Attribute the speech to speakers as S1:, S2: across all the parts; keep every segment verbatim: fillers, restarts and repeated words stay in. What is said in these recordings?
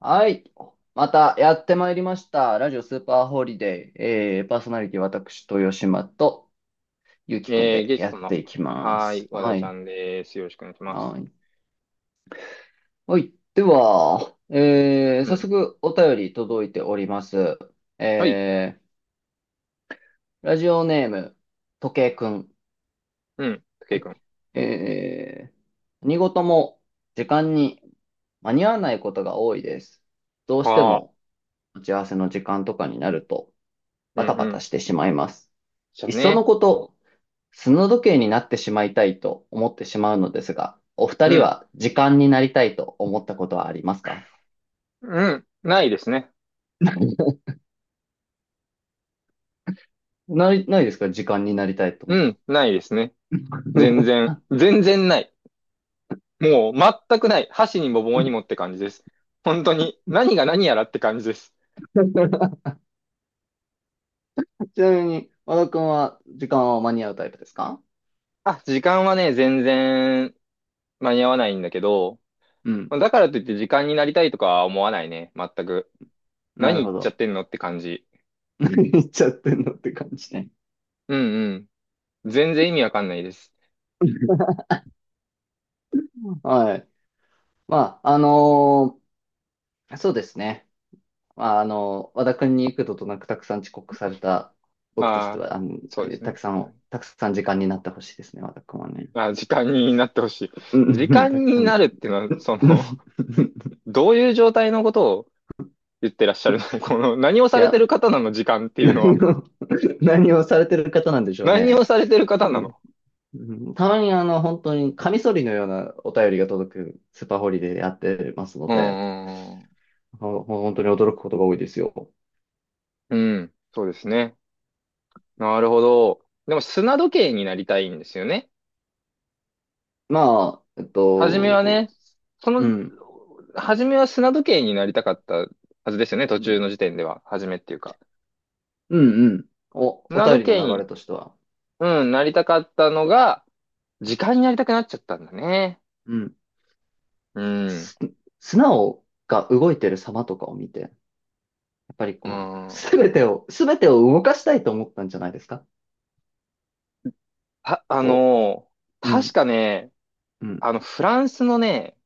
S1: はい。またやってまいりました。ラジオスーパーホリデー。えー、パーソナリティ私、豊島とゆうきくん
S2: えー、
S1: で
S2: ゲス
S1: や
S2: ト
S1: って
S2: の、
S1: いきま
S2: はー
S1: す。
S2: い、和
S1: は
S2: 田ちゃ
S1: い。
S2: んです。よろしくお願いします。
S1: はい。はい。では、えー、
S2: う
S1: 早
S2: ん。
S1: 速お便り届いております。
S2: はい。
S1: えー、ラジオネーム、時計くん。
S2: うん。武
S1: は
S2: 井
S1: い。
S2: くん。
S1: えー、何事も時間に間に合わないことが多いです。どうして
S2: あ
S1: も
S2: あ。
S1: 打ち合わせの時間とかになると
S2: う
S1: バタ
S2: んう
S1: バタ
S2: ん。
S1: してしまいます。
S2: じゃ
S1: い
S2: あ
S1: っその
S2: ね。
S1: こと、砂時計になってしまいたいと思ってしまうのですが、お二
S2: う
S1: 人
S2: ん。
S1: は時間になりたいと思ったことはありますか？
S2: うん。ないですね。
S1: ない、ないですか？時間になりたいと思っ
S2: う
S1: た。
S2: ん。ないですね。全 然。全然ない。もう、全くない。箸にも棒にもって感じです。本当に。何が何やらって感じです。
S1: ちなみに、和田くんは時間は間に合うタイプですか？
S2: あ、時間はね、全然間に合わないんだけど、
S1: うん。
S2: だからといって時間になりたいとかは思わないね。全く。
S1: な
S2: 何
S1: る
S2: 言っ
S1: ほ
S2: ちゃっ
S1: ど。
S2: てんのって感じ。
S1: 何言っちゃってんのって感じね。
S2: うんうん。全然意味わかんないです。
S1: はい。まあ、あのーそうですね。まあ、あの、和田君に幾度となくたくさん遅刻された僕として
S2: ああ、
S1: は、あの、
S2: そうです
S1: た
S2: ね。
S1: くさ
S2: う
S1: ん、
S2: ん、
S1: たくさん時間になってほしいですね、和田君はね。
S2: まあ時間になってほしい。
S1: うん
S2: 時
S1: うん
S2: 間
S1: たくさ
S2: にな
S1: ん。
S2: るっていうのは、そ
S1: うん、
S2: の、どういう状態のことを言ってらっしゃるの この、何を
S1: い
S2: されて
S1: や、
S2: る方なの？時間っていうの
S1: 何
S2: は。
S1: を、何をされてる方なんでしょう
S2: 何を
S1: ね。
S2: されてる方
S1: う
S2: な
S1: ん。
S2: の？
S1: うん。たまにあの、本当にカミソリのようなお便りが届くスーパーホリデーでやってますの
S2: う
S1: で、
S2: んうん
S1: ほ本当に驚くことが多いですよ。
S2: うん。うん、そうですね。なるほど。でも、砂時計になりたいんですよね。
S1: まあ、えっ
S2: 初めは
S1: と、
S2: ね、そ
S1: う
S2: の、
S1: ん、
S2: 初めは砂時計になりたかったはずですよね。途
S1: う
S2: 中
S1: ん、
S2: の時点では。初めっていうか。
S1: うん、うん。お、お
S2: 砂
S1: 便
S2: 時
S1: りの
S2: 計
S1: 流
S2: に、
S1: れとしては。
S2: うん、なりたかったのが、時間になりたくなっちゃったんだね。
S1: うん。
S2: うん。
S1: す、砂を、が動いてる様とかを見て、やっぱり
S2: う
S1: こう、す
S2: ん。
S1: べてを、すべてを動かしたいと思ったんじゃないですか？
S2: あ、あ
S1: こ
S2: の、
S1: う、う
S2: 確
S1: ん、
S2: かね、
S1: うん、
S2: あの、フランスのね、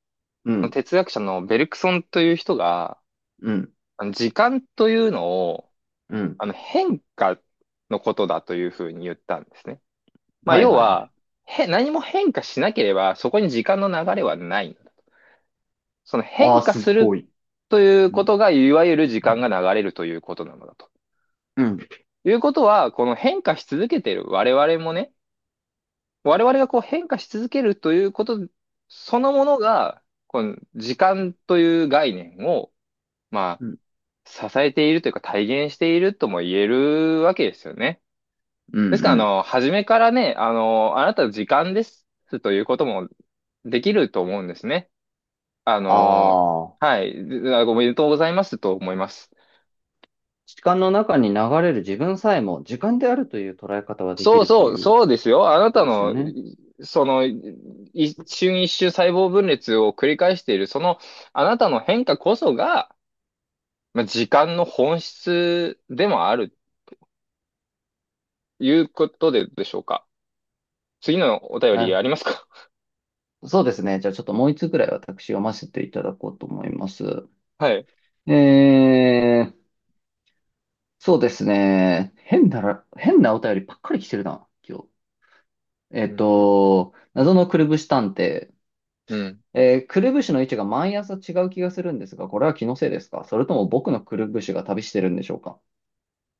S1: うん、
S2: 哲学者のベルクソンという人が、
S1: うん、
S2: あの時間というのを、
S1: うん。
S2: あの、変化のことだというふうに言ったんですね。まあ、
S1: はい
S2: 要
S1: はいはい。
S2: は、へ、何も変化しなければ、そこに時間の流れはない。その
S1: あ
S2: 変
S1: あ、
S2: 化
S1: すっ
S2: す
S1: ご
S2: る
S1: い。
S2: という
S1: う
S2: こ
S1: ん、
S2: とが、いわゆる時間が流れるということなのだと。
S1: うん、
S2: いうことは、この変化し続けている我々もね、我々がこう変化し続けるということそのものが、この時間という概念を、ま
S1: うん、
S2: あ、支えているというか体現しているとも言えるわけですよね。
S1: う
S2: ですか
S1: ん。
S2: ら、
S1: う
S2: あ
S1: ん。
S2: の、初めからね、あの、あなたの時間ですということもできると思うんですね。あの、
S1: ああ、
S2: はい、あおめでとうございますと思います。
S1: 時間の中に流れる自分さえも時間であるという捉え方はでき
S2: そう
S1: ると
S2: そう、
S1: いう
S2: そうですよ。あな
S1: こと
S2: た
S1: ですよ
S2: の、
S1: ね。
S2: いその、い一瞬一瞬細胞分裂を繰り返している、その、あなたの変化こそが、まあ、時間の本質でもある、いうことで、でしょうか。次のお便り
S1: あ、
S2: ありますか？
S1: そうですね。じゃあちょっともう一つぐらい私読ませていただこうと思います。
S2: はい。
S1: えー、そうですね。変なら、変なお便りばっかり来てるな、今日。え
S2: う
S1: っ
S2: ん。
S1: と、謎のくるぶし探偵。
S2: うん。
S1: えー、くるぶしの位置が毎朝違う気がするんですが、これは気のせいですか？それとも僕のくるぶしが旅してるんでしょうか？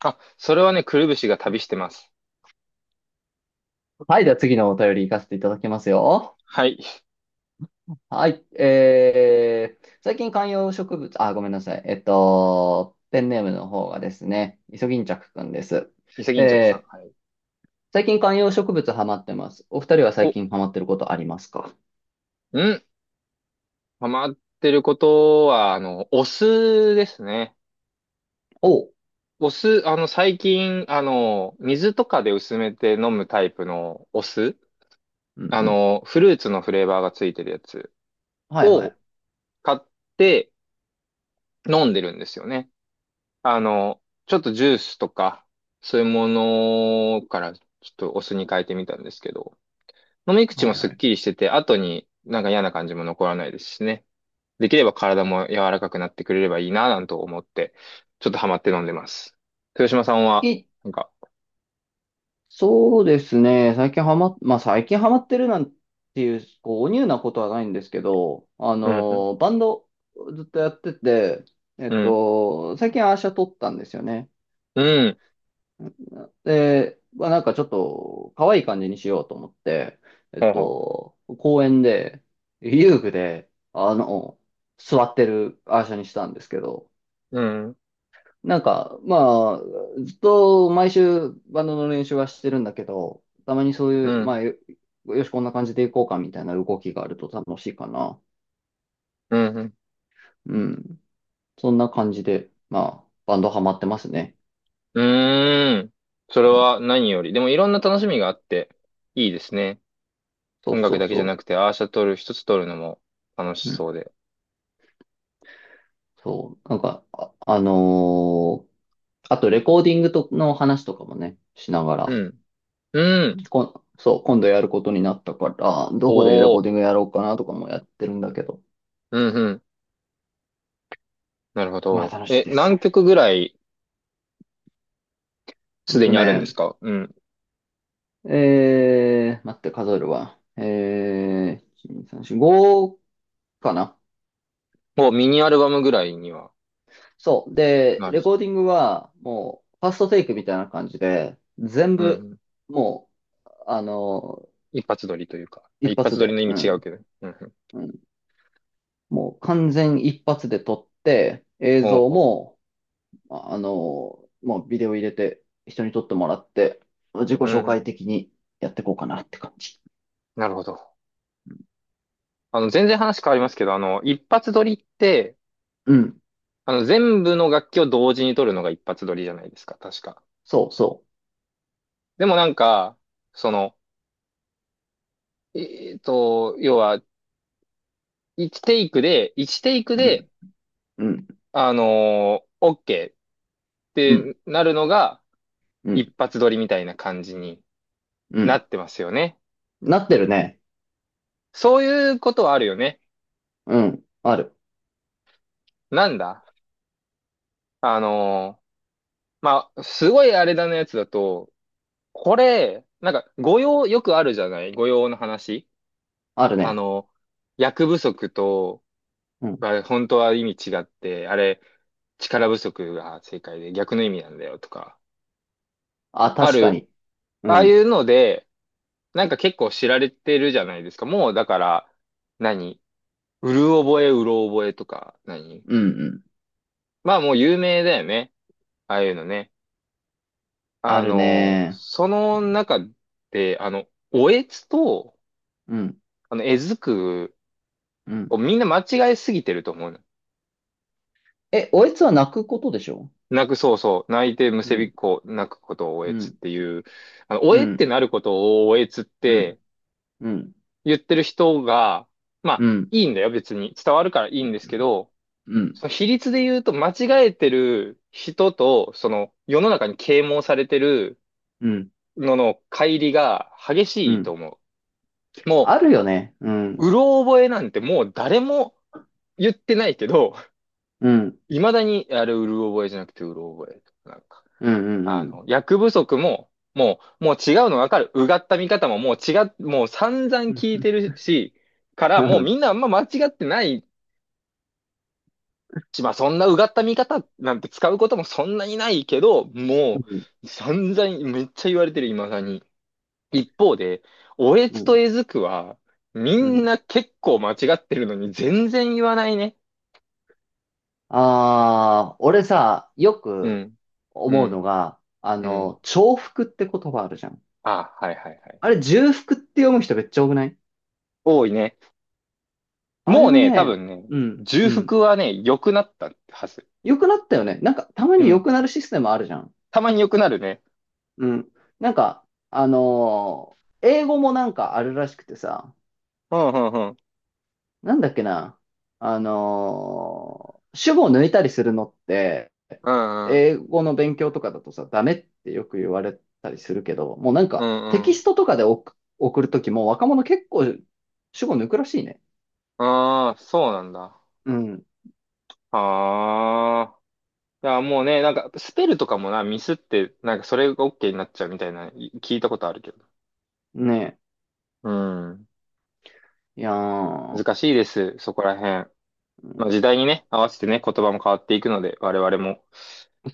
S2: あ、それはね、くるぶしが旅してます。
S1: はい、では次のお便り行かせていただきますよ。
S2: はい。
S1: はい、えー、最近観葉植物、あ、ごめんなさい。えっと、ペンネームの方がですね、イソギンチャクくんです。
S2: 伊勢銀着さん。
S1: え
S2: は
S1: ー、
S2: い。
S1: 最近観葉植物ハマってます。お二人は最
S2: お、
S1: 近ハマってることありますか？
S2: うん。ハマってることは、あの、お酢ですね。
S1: おう。
S2: お酢、あの、最近、あの、水とかで薄めて飲むタイプのお酢、
S1: うん
S2: あ
S1: うん。
S2: の、フルーツのフレーバーがついてるやつ
S1: はいは
S2: を
S1: い。
S2: 買って飲んでるんですよね。あの、ちょっとジュースとか、そういうものからちょっとお酢に変えてみたんですけど、飲み口
S1: は
S2: も
S1: い
S2: すっ
S1: はい。
S2: きりしてて、後になんか嫌な感じも残らないですしね。できれば体も柔らかくなってくれればいいな、なんと思って、ちょっとハマって飲んでます。豊島さんは、
S1: い、
S2: なんか、
S1: そうですね。最近ハマ、まあ最近ハマってるなんていう、こう、おニューなことはないんですけど、あ
S2: うんうん、
S1: の、バンドずっとやってて、えっ
S2: うん
S1: と、最近アーシャ撮ったんですよね。
S2: うん。
S1: で、まあなんかちょっと可愛い感じにしようと思って、えっ
S2: はは。
S1: と、公園で、遊具で、あの、座ってるアーシャにしたんですけど、
S2: うん。
S1: なんか、まあ、ずっと毎週バンドの練習はしてるんだけど、たまにそう
S2: う
S1: いう、ま
S2: ん。
S1: あ、よ、よし、こんな感じでいこうかみたいな動きがあると楽しいかな。
S2: うん。うん。
S1: うん。そんな感じで、まあ、バンドハマってますね。
S2: うーん、それ
S1: うん。
S2: は何より。でもいろんな楽しみがあって、いいですね。
S1: そう
S2: 音
S1: そ
S2: 楽
S1: う
S2: だけじゃな
S1: そ
S2: くて、アーシャ撮る、一つ撮るのも楽し
S1: う。うん。
S2: そうで。
S1: そう。なんか、あ、あのーあとレコーディングとの話とかもね、しなが
S2: う
S1: ら、
S2: ん。うん。
S1: こん、そう、今度やることになったから、どこでレコ
S2: お
S1: ーデ
S2: ー。
S1: ィングやろうかなとかもやってるんだけど、
S2: うん、うん。なるほ
S1: まあ
S2: ど。
S1: 楽しい
S2: え、
S1: です
S2: 何
S1: よ。
S2: 曲ぐらい
S1: え
S2: す
S1: っ
S2: で
S1: と
S2: にあるんで
S1: ね、
S2: すか？うん。
S1: えー、待って数えるわ。えー、いち、に、さん、よん、ごかな。
S2: もうミニアルバムぐらいには
S1: そう。で、
S2: なる
S1: レ
S2: ぞ。
S1: コーディングはもう、ファーストテイクみたいな感じで、全
S2: う
S1: 部、
S2: ん。
S1: もう、あの、
S2: 一発撮りというか。あ、
S1: 一
S2: 一
S1: 発
S2: 発撮りの
S1: で、
S2: 意
S1: う
S2: 味違う
S1: ん、
S2: けど。うん、うん。
S1: うん。もう完全一発で撮って、映
S2: ほう
S1: 像
S2: ほ
S1: も、あ、あの、もうビデオ入れて、人に撮ってもらって、自己
S2: う。う
S1: 紹介
S2: ん。
S1: 的にやっていこうかなって感じ。
S2: なるほど。あの、全然話変わりますけど、あの、一発撮りって、
S1: うん。
S2: あの、全部の楽器を同時に取るのが一発撮りじゃないですか、確か。
S1: そうそ
S2: でもなんか、その、えっと、要は、ワンテイクで、ワンテイク
S1: う。う
S2: で、
S1: ん、うん、
S2: あのー、OK っ
S1: うん、
S2: てなるのが
S1: うん、
S2: 一発撮りみたいな感じに
S1: う
S2: な
S1: ん。
S2: ってますよね。
S1: なってるね。
S2: そういうことはあるよね。
S1: うん。ある。
S2: なんだ、あのー、まあ、すごいあれだなやつだと、これ、なんか、誤用、よくあるじゃない誤用の話。
S1: ある
S2: あ
S1: ね。
S2: の、役不足と、
S1: うん。
S2: は本当は意味違って、あれ、力不足が正解で逆の意味なんだよとか、
S1: あ、
S2: あ
S1: 確か
S2: る、
S1: に。う
S2: ああい
S1: ん。
S2: うので、なんか結構知られてるじゃないですか。もうだから、何、うる覚え、うろ覚えとか、何、
S1: うん、うん。
S2: まあもう有名だよね。ああいうのね。
S1: あ
S2: あ
S1: る
S2: の、
S1: ね。
S2: その中で、あの、おえつと、
S1: うん。
S2: あの、えずく
S1: う
S2: を
S1: ん。
S2: みんな間違えすぎてると思う。
S1: え、おえつは泣くことでしょ？
S2: 泣く、そうそう。泣いてむ
S1: う
S2: せびっ
S1: ん。
S2: こ、泣くことをお
S1: う
S2: えつっ
S1: ん。
S2: ていう、あの、お
S1: う
S2: えって
S1: ん。
S2: なることをおえつっ
S1: うん。
S2: て
S1: うん。
S2: 言ってる人が、まあ、
S1: うん。
S2: いいんだよ、別に。伝わるからいいんですけど、
S1: うん。
S2: その比率で言うと間違えてる人と、その世の中に啓蒙されてる
S1: うん。
S2: のの乖離が激
S1: う
S2: しいと
S1: ん。
S2: 思う。も
S1: あるよね。う
S2: う、
S1: ん。
S2: うろ覚えなんてもう誰も言ってないけど、
S1: うん。
S2: 未だに、あれ、うる覚えじゃなくてうろ覚え。なんか、
S1: うん。う
S2: あ
S1: ん。
S2: の、役不足も、もう、もう違うの分かる。うがった見方ももう違っ、もう散々
S1: うん。
S2: 聞いてるし、か ら、
S1: う
S2: もう
S1: ん。
S2: みんなあんま間違ってないし、まあそんなうがった見方なんて使うこともそんなにないけど、もう散々めっちゃ言われてる、今さに。一方で、おえ
S1: う
S2: つ
S1: ん。
S2: とえずくは、み
S1: う
S2: ん
S1: ん。
S2: な結構間違ってるのに全然言わないね。
S1: ああ、俺さ、よ
S2: う
S1: く
S2: ん。う
S1: 思うの
S2: ん。
S1: が、あ
S2: うん。
S1: の、重複って言葉あるじゃん。
S2: あ、はいはいはい。
S1: あれ、重複って読む人めっちゃ多くない？
S2: 多いね。
S1: あ
S2: も
S1: れ
S2: う
S1: は
S2: ね、多
S1: ね、
S2: 分ね、
S1: うん、
S2: 重
S1: うん。
S2: 複はね、良くなったはず。
S1: 良くなったよね。なんか、たま
S2: う
S1: に良
S2: ん。
S1: くなるシステムあるじゃん。
S2: たまに良くなるね。
S1: うん。なんか、あのー英語もなんかあるらしくてさ、
S2: うんうんうん。
S1: なんだっけな。あのー主語を抜いたりするのって、
S2: うんうん。
S1: 英語の勉強とかだとさ、ダメってよく言われたりするけど、もうなん
S2: う
S1: か、
S2: ん
S1: テ
S2: う
S1: キ
S2: ん。
S1: ストとかで送、送るときも若者結構主語抜くらしいね。
S2: ああ、そうなんだ。
S1: うん。
S2: ああ。いや、もうね、なんか、スペルとかもな、ミスって、なんか、それが OK になっちゃうみたいな、い聞いたことあるけど。
S1: ね
S2: うん。
S1: え。いや
S2: 難
S1: ー、
S2: しいです、そこら辺。まあ、時代にね、合わせてね、言葉も変わっていくので、我々も、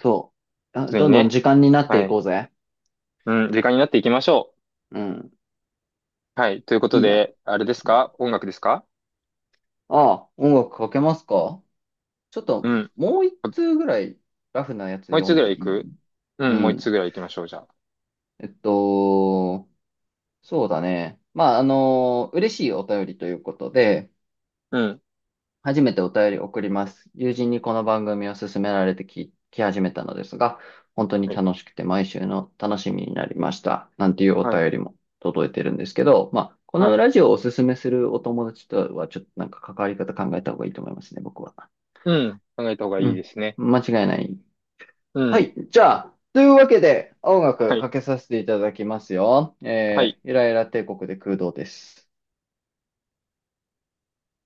S1: そう。
S2: 普
S1: あ、
S2: 通に
S1: どんどん
S2: ね、
S1: 時間になって
S2: は
S1: い
S2: い。
S1: こうぜ。
S2: うん、時間になっていきましょ
S1: うん。
S2: う。はい。ということ
S1: いいや。
S2: で、あれです
S1: うん。
S2: か？音楽ですか？
S1: ああ、音楽かけますか？ちょっ
S2: う
S1: と、
S2: ん。
S1: もう一通ぐらいラフなやつ
S2: もう一
S1: 読
S2: つぐ
S1: ん
S2: ら
S1: で
S2: い行
S1: いい？
S2: く？う
S1: う
S2: ん、もう一
S1: ん。
S2: つぐらい行きましょう、じゃあ。
S1: えっと、そうだね。まあ、あの、嬉しいお便りということで、
S2: うん。
S1: 初めてお便り送ります。友人にこの番組を勧められて聞き始めたのですが、本当に
S2: はい。
S1: 楽しくて毎週の楽しみになりました。なんていうお
S2: はい。
S1: 便りも届いてるんですけど、まあ、こ
S2: は
S1: の
S2: い。
S1: ラジオをおすすめするお友達とはちょっとなんか関わり方考えた方がいいと思いますね、僕は。
S2: うん。考えた方が
S1: う
S2: いいで
S1: ん。
S2: すね。
S1: 間違いない。
S2: う
S1: は
S2: ん。
S1: い。じゃあ、というわけで、音
S2: は
S1: 楽か
S2: い。
S1: けさせていただきますよ。
S2: は
S1: え
S2: い。
S1: ー、イライラ帝国で空洞です。